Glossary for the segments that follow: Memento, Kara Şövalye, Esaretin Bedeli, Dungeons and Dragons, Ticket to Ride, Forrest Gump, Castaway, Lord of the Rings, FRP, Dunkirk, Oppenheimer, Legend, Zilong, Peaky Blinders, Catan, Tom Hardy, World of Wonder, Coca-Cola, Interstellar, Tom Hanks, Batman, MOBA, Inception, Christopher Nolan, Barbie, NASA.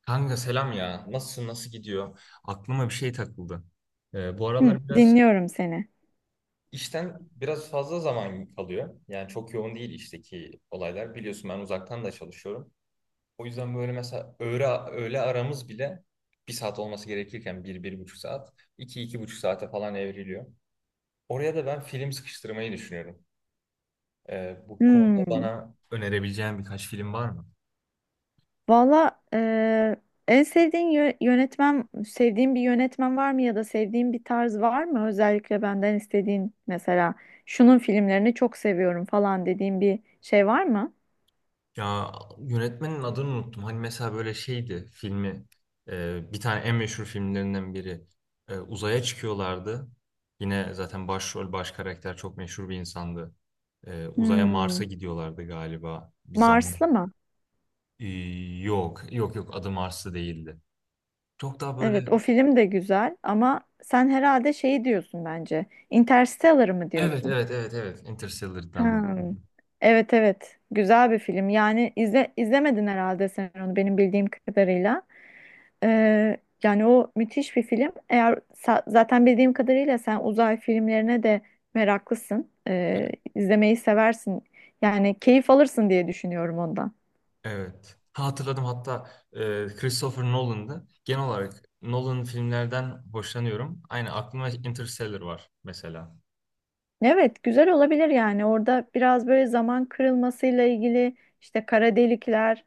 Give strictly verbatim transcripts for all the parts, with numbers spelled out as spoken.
Kanka selam ya. Nasılsın? Nasıl gidiyor? Aklıma bir şey takıldı. Ee, bu Hı, aralar biraz dinliyorum seni. işten biraz fazla zaman kalıyor. Yani çok yoğun değil işteki olaylar. Biliyorsun ben uzaktan da çalışıyorum. O yüzden böyle mesela öğle, öğle aramız bile bir saat olması gerekirken bir, bir buçuk saat, iki, iki buçuk saate falan evriliyor. Oraya da ben film sıkıştırmayı düşünüyorum. Ee, bu konuda Hmm. bana önerebileceğin birkaç film var mı? Valla eee, en sevdiğin yö- yönetmen, sevdiğin bir yönetmen var mı ya da sevdiğin bir tarz var mı? Özellikle benden istediğin mesela şunun filmlerini çok seviyorum falan dediğin bir şey var mı? Ya yönetmenin adını unuttum. Hani mesela böyle şeydi filmi e, bir tane en meşhur filmlerinden biri. E, uzaya çıkıyorlardı. Yine zaten başrol baş karakter çok meşhur bir insandı. E, uzaya Hmm, Mars'a gidiyorlardı galiba bir zaman. Marslı mı? E, Yok yok yok, adı Mars'ta değildi. Çok daha böyle, Evet, o film de güzel ama sen herhalde şeyi diyorsun bence. Interstellar mı evet diyorsun? evet evet evet Interstellar'dan. Hmm. Evet evet, güzel bir film. Yani izle, izlemedin herhalde sen onu benim bildiğim kadarıyla. Ee, Yani o müthiş bir film. Eğer sa- zaten bildiğim kadarıyla sen uzay filmlerine de meraklısın. Ee, izlemeyi seversin. Yani keyif alırsın diye düşünüyorum ondan. Evet. Ha, hatırladım hatta, e, Christopher Nolan'dı. Genel olarak Nolan filmlerden hoşlanıyorum. Aynı aklıma Interstellar var mesela. Evet, güzel olabilir yani. Orada biraz böyle zaman kırılmasıyla ilgili işte kara delikler.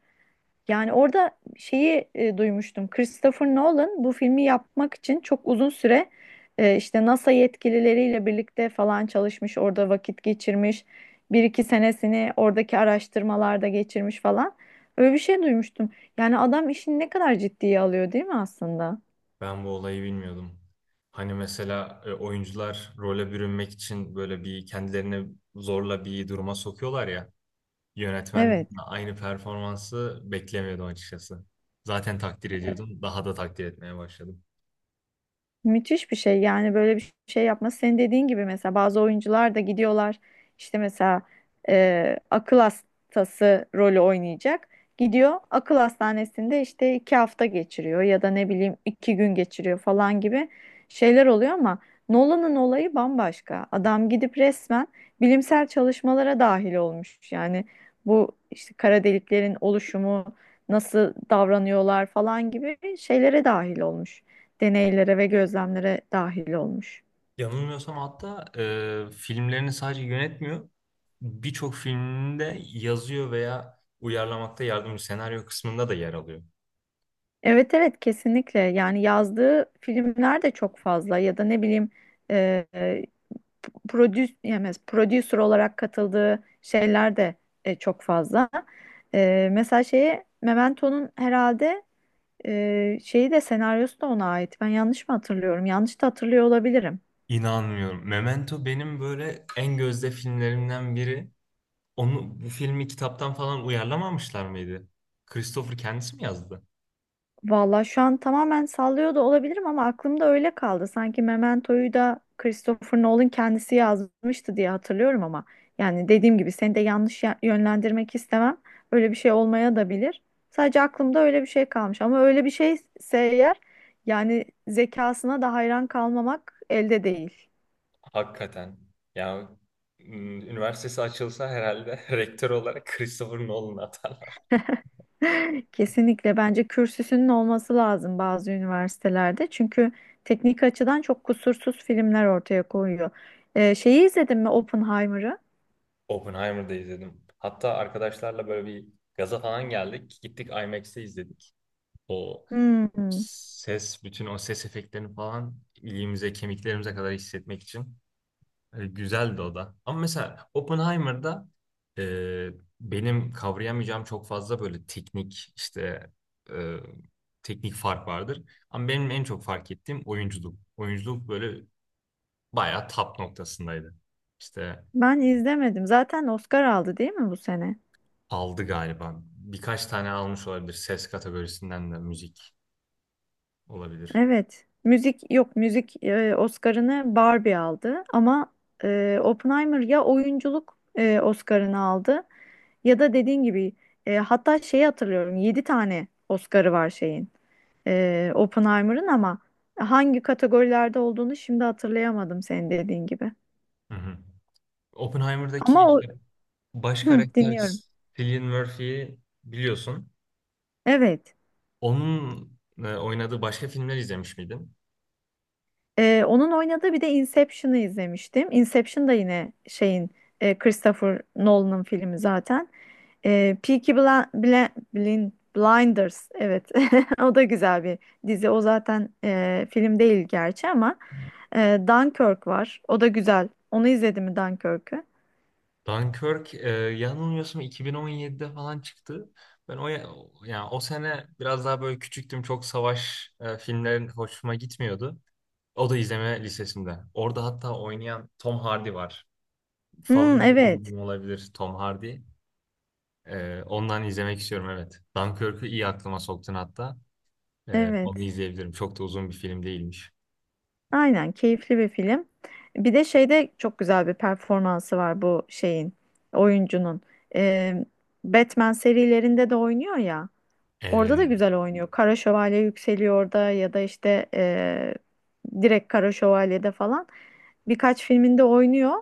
Yani orada şeyi e, duymuştum. Christopher Nolan bu filmi yapmak için çok uzun süre e, işte NASA yetkilileriyle birlikte falan çalışmış, orada vakit geçirmiş. Bir iki senesini oradaki araştırmalarda geçirmiş falan. Öyle bir şey duymuştum. Yani adam işini ne kadar ciddiye alıyor değil mi aslında? Ben bu olayı bilmiyordum. Hani mesela e, oyuncular role bürünmek için böyle bir kendilerini zorla bir duruma sokuyorlar ya. Yönetmen Evet. de aynı performansı beklemiyordum açıkçası. Zaten takdir ediyordum. Daha da takdir etmeye başladım. Müthiş bir şey yani böyle bir şey yapması senin dediğin gibi mesela bazı oyuncular da gidiyorlar işte mesela e, akıl hastası rolü oynayacak gidiyor akıl hastanesinde işte iki hafta geçiriyor ya da ne bileyim iki gün geçiriyor falan gibi şeyler oluyor ama Nolan'ın olayı bambaşka adam gidip resmen bilimsel çalışmalara dahil olmuş yani bu işte kara deliklerin oluşumu nasıl davranıyorlar falan gibi şeylere dahil olmuş deneylere ve gözlemlere dahil olmuş. Yanılmıyorsam hatta e, filmlerini sadece yönetmiyor. Birçok filminde yazıyor veya uyarlamakta yardımcı senaryo kısmında da yer alıyor. Evet evet kesinlikle yani yazdığı filmler de çok fazla ya da ne bileyim e, prodü- yani prodüser olarak katıldığı şeyler de e, çok fazla. E, mesela şeyi Memento'nun herhalde e, şeyi de senaryosu da ona ait. Ben yanlış mı hatırlıyorum? Yanlış da hatırlıyor olabilirim. İnanmıyorum. Memento benim böyle en gözde filmlerimden biri. Onu bu filmi kitaptan falan uyarlamamışlar mıydı? Christopher kendisi mi yazdı? Valla şu an tamamen sallıyor da olabilirim ama aklımda öyle kaldı. Sanki Memento'yu da Christopher Nolan kendisi yazmıştı diye hatırlıyorum ama yani dediğim gibi seni de yanlış ya- yönlendirmek istemem. Öyle bir şey olmaya da bilir. Sadece aklımda öyle bir şey kalmış ama öyle bir şeyse eğer yani zekasına da hayran kalmamak elde değil. Hakikaten. Ya m, üniversitesi açılsa herhalde rektör olarak Christopher Nolan atarlar. Kesinlikle bence kürsüsünün olması lazım bazı üniversitelerde. Çünkü teknik açıdan çok kusursuz filmler ortaya koyuyor. Ee, şeyi izledin mi Oppenheimer'ı? Oppenheimer'da izledim. Hatta arkadaşlarla böyle bir gaza falan geldik. Gittik I MAX'te izledik. O Hmm. ses, bütün o ses efektlerini falan iliğimize, kemiklerimize kadar hissetmek için. E, güzeldi o da. Ama mesela Oppenheimer'da e, benim kavrayamayacağım çok fazla böyle teknik işte e, teknik fark vardır. Ama benim en çok fark ettiğim oyunculuk. Oyunculuk böyle bayağı top noktasındaydı. İşte Ben izlemedim. Zaten Oscar aldı değil mi bu sene? aldı galiba. Birkaç tane almış olabilir. Ses kategorisinden de müzik olabilir. Evet. Müzik yok müzik e, Oscar'ını Barbie aldı ama e, Oppenheimer ya oyunculuk e, Oscar'ını aldı ya da dediğin gibi e, hatta şeyi hatırlıyorum yedi tane Oscar'ı var şeyin. e, Oppenheimer'ın ama hangi kategorilerde olduğunu şimdi hatırlayamadım senin dediğin gibi. Hı hı. Ama Oppenheimer'daki o. işte baş Hı, karakter dinliyorum. Cillian Murphy'yi biliyorsun. Evet. Onun e, oynadığı başka filmler izlemiş miydin? E, onun oynadığı bir de Inception'ı izlemiştim. Inception da yine şeyin e, Christopher Nolan'ın filmi zaten. E, Peaky Bla- Bla- Blin- Blinders evet o da güzel bir dizi o zaten e, film değil gerçi ama e, Dunkirk var o da güzel onu izledin mi Dunkirk'ü? Dunkirk e, yanılmıyorsam iki bin on yedide falan çıktı. Ben o ya- yani o sene biraz daha böyle küçüktüm. Çok savaş e, filmlerin hoşuma gitmiyordu. O da izleme listesinde. Orada hatta oynayan Tom Hardy var. Hmm, Favori evet oyuncum olabilir Tom Hardy. Ee, ondan izlemek istiyorum evet. Dunkirk'ü iyi aklıma soktun hatta. Ee, onu evet. izleyebilirim. Çok da uzun bir film değilmiş. Aynen keyifli bir film. Bir de şeyde çok güzel bir performansı var bu şeyin oyuncunun. Ee, Batman serilerinde de oynuyor ya. Orada da Ee, güzel oynuyor. Kara Şövalye yükseliyor orada ya da işte eee, direkt Kara Şövalye'de falan birkaç filminde oynuyor.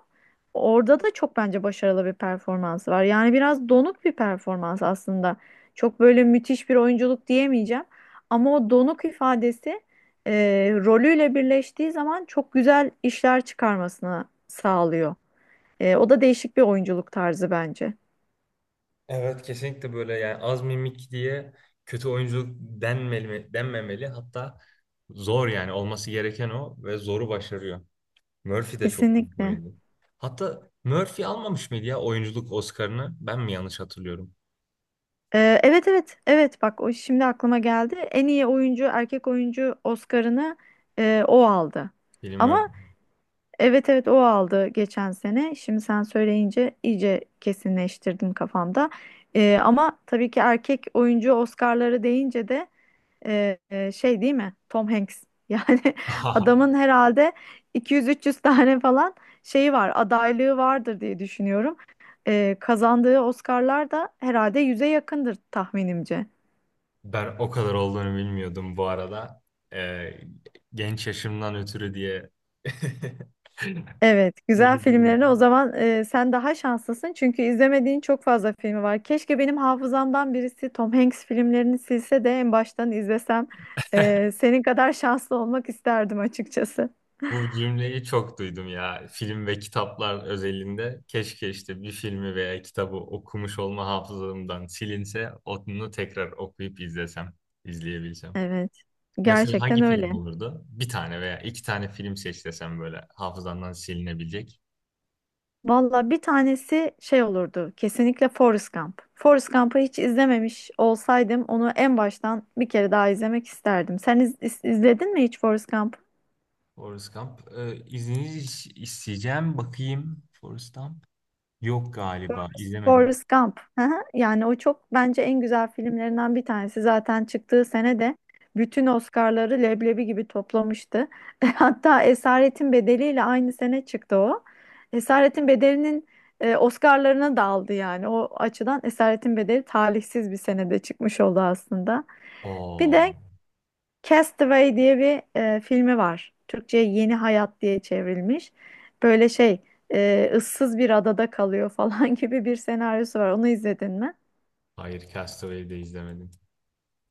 Orada da çok bence başarılı bir performansı var. Yani biraz donuk bir performans aslında. Çok böyle müthiş bir oyunculuk diyemeyeceğim. Ama o donuk ifadesi eee, rolüyle birleştiği zaman çok güzel işler çıkarmasını sağlıyor. Eee, o da değişik bir oyunculuk tarzı bence. evet, kesinlikle böyle, yani az mimik diye kötü oyunculuk denmeli, denmemeli. Hatta zor, yani olması gereken o ve zoru başarıyor. Murphy de çok büyük bir Kesinlikle. oyuncu. Hatta Murphy almamış mıydı ya oyunculuk Oscar'ını? Ben mi yanlış hatırlıyorum? Ee, evet evet evet bak o şimdi aklıma geldi. En iyi oyuncu erkek oyuncu Oscar'ını e, o aldı. Bilim Murphy. Ama evet evet o aldı geçen sene. Şimdi sen söyleyince iyice kesinleştirdim kafamda. Ee, ama tabii ki erkek oyuncu Oscar'ları deyince de ee, e, şey değil mi? Tom Hanks. Yani adamın herhalde iki yüz üç yüz tane falan şeyi var, adaylığı vardır diye düşünüyorum. Ee, kazandığı Oscar'lar da herhalde yüze yakındır tahminimce. Ben o kadar olduğunu bilmiyordum bu arada. Ee, Genç yaşımdan ötürü diye Evet, güzel filmlerine o zaman e, sen daha şanslısın çünkü izlemediğin çok fazla filmi var. Keşke benim hafızamdan birisi Tom Hanks filmlerini silse de en baştan izlesem. E, senin kadar şanslı olmak isterdim açıkçası. bu cümleyi çok duydum ya. Film ve kitaplar özelinde. Keşke işte bir filmi veya kitabı okumuş olma hafızamdan silinse onu tekrar okuyup izlesem, izleyebilsem. Evet, Mesela gerçekten hangi öyle. film olurdu? Bir tane veya iki tane film seç desem böyle hafızandan silinebilecek. Valla bir tanesi şey olurdu. Kesinlikle Forrest Gump. Forrest Gump'ı hiç izlememiş olsaydım onu en baştan bir kere daha izlemek isterdim. Sen iz- iz- izledin mi hiç Forrest Gump'ı? Forrest Gump. Ee, izninizi isteyeceğim. Bakayım Forrest Gump. Yok galiba izlemedim. Forrest Gump. Hı hı. Yani o çok bence en güzel filmlerinden bir tanesi. Zaten çıktığı sene de bütün Oscar'ları leblebi gibi toplamıştı. Hatta Esaretin Bedeli'yle aynı sene çıktı o. Esaretin Bedeli'nin e, Oscar'larına da aldı yani. O açıdan Esaretin Bedeli talihsiz bir senede çıkmış oldu aslında. Bir Oo, de Castaway diye bir e, filmi var. Türkçe'ye Yeni Hayat diye çevrilmiş. Böyle şey, e, ıssız bir adada kalıyor falan gibi bir senaryosu var. Onu izledin mi? hayır, Castaway'i de izlemedim.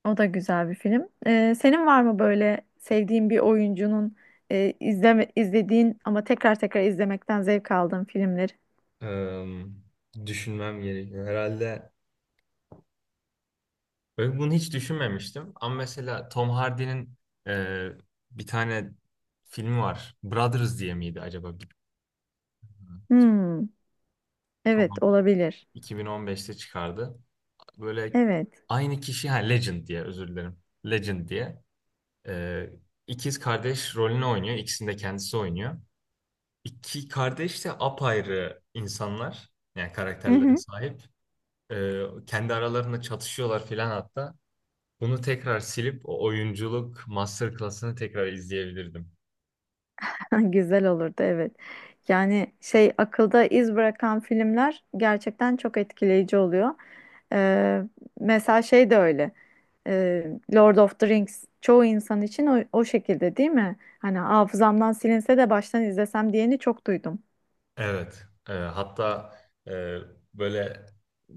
O da güzel bir film. E, senin var mı böyle sevdiğin bir oyuncunun e, izleme, izlediğin ama tekrar tekrar izlemekten zevk aldığın filmleri? Eee, Düşünmem gerekiyor. Herhalde böyle bunu hiç düşünmemiştim. Ama mesela Tom Hardy'nin eee, bir tane filmi var. Brothers diye miydi acaba? Bir- Hmm, Tom evet Hardy olabilir. iki bin on beşte çıkardı. Böyle Evet. aynı kişi, ha Legend diye, özür dilerim. Legend diye. Eee ikiz kardeş rolünü oynuyor. İkisini de kendisi oynuyor. İki kardeş de apayrı insanlar. Yani Hı karakterlere hı. sahip. Ee, kendi aralarında çatışıyorlar filan hatta. Bunu tekrar silip o oyunculuk masterclass'ını tekrar izleyebilirdim. Güzel olurdu evet. Yani şey akılda iz bırakan filmler gerçekten çok etkileyici oluyor. Ee, Mesela şey de öyle. Ee, Lord of the Rings çoğu insan için o, o şekilde değil mi? Hani hafızamdan silinse de baştan izlesem diyeni çok duydum. Evet. Ee, hatta e, böyle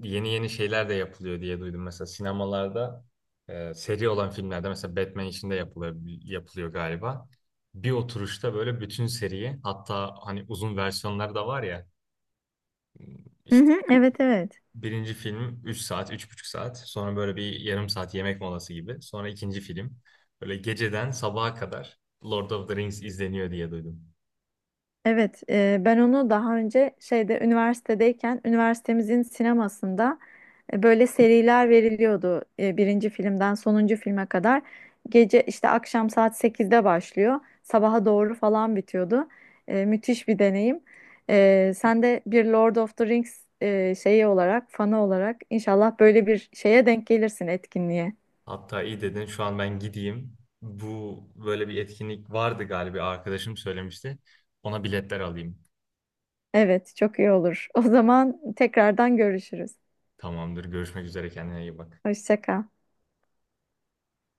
yeni yeni şeyler de yapılıyor diye duydum. Mesela sinemalarda e, seri olan filmlerde mesela Batman için de yapılıyor, yapılıyor galiba. Bir oturuşta böyle bütün seriyi, hatta hani uzun versiyonları da var ya Hı işte, hı, evet evet. birinci film üç saat, üç buçuk saat. Sonra böyle bir yarım saat yemek molası gibi. Sonra ikinci film. Böyle geceden sabaha kadar Lord of the Rings izleniyor diye duydum. Evet, e, ben onu daha önce şeyde üniversitedeyken üniversitemizin sinemasında e, böyle seriler veriliyordu. E, birinci filmden sonuncu filme kadar. Gece işte akşam saat sekizde başlıyor. Sabaha doğru falan bitiyordu. E, müthiş bir deneyim. E, sen de bir Lord of the Rings e, şeyi olarak, fanı olarak inşallah böyle bir şeye denk gelirsin etkinliğe. Hatta iyi dedin, şu an ben gideyim. Bu böyle bir etkinlik vardı galiba, arkadaşım söylemişti. Ona biletler alayım. Evet, çok iyi olur. O zaman tekrardan görüşürüz. Tamamdır, görüşmek üzere, kendine iyi bak. Hoşça kal.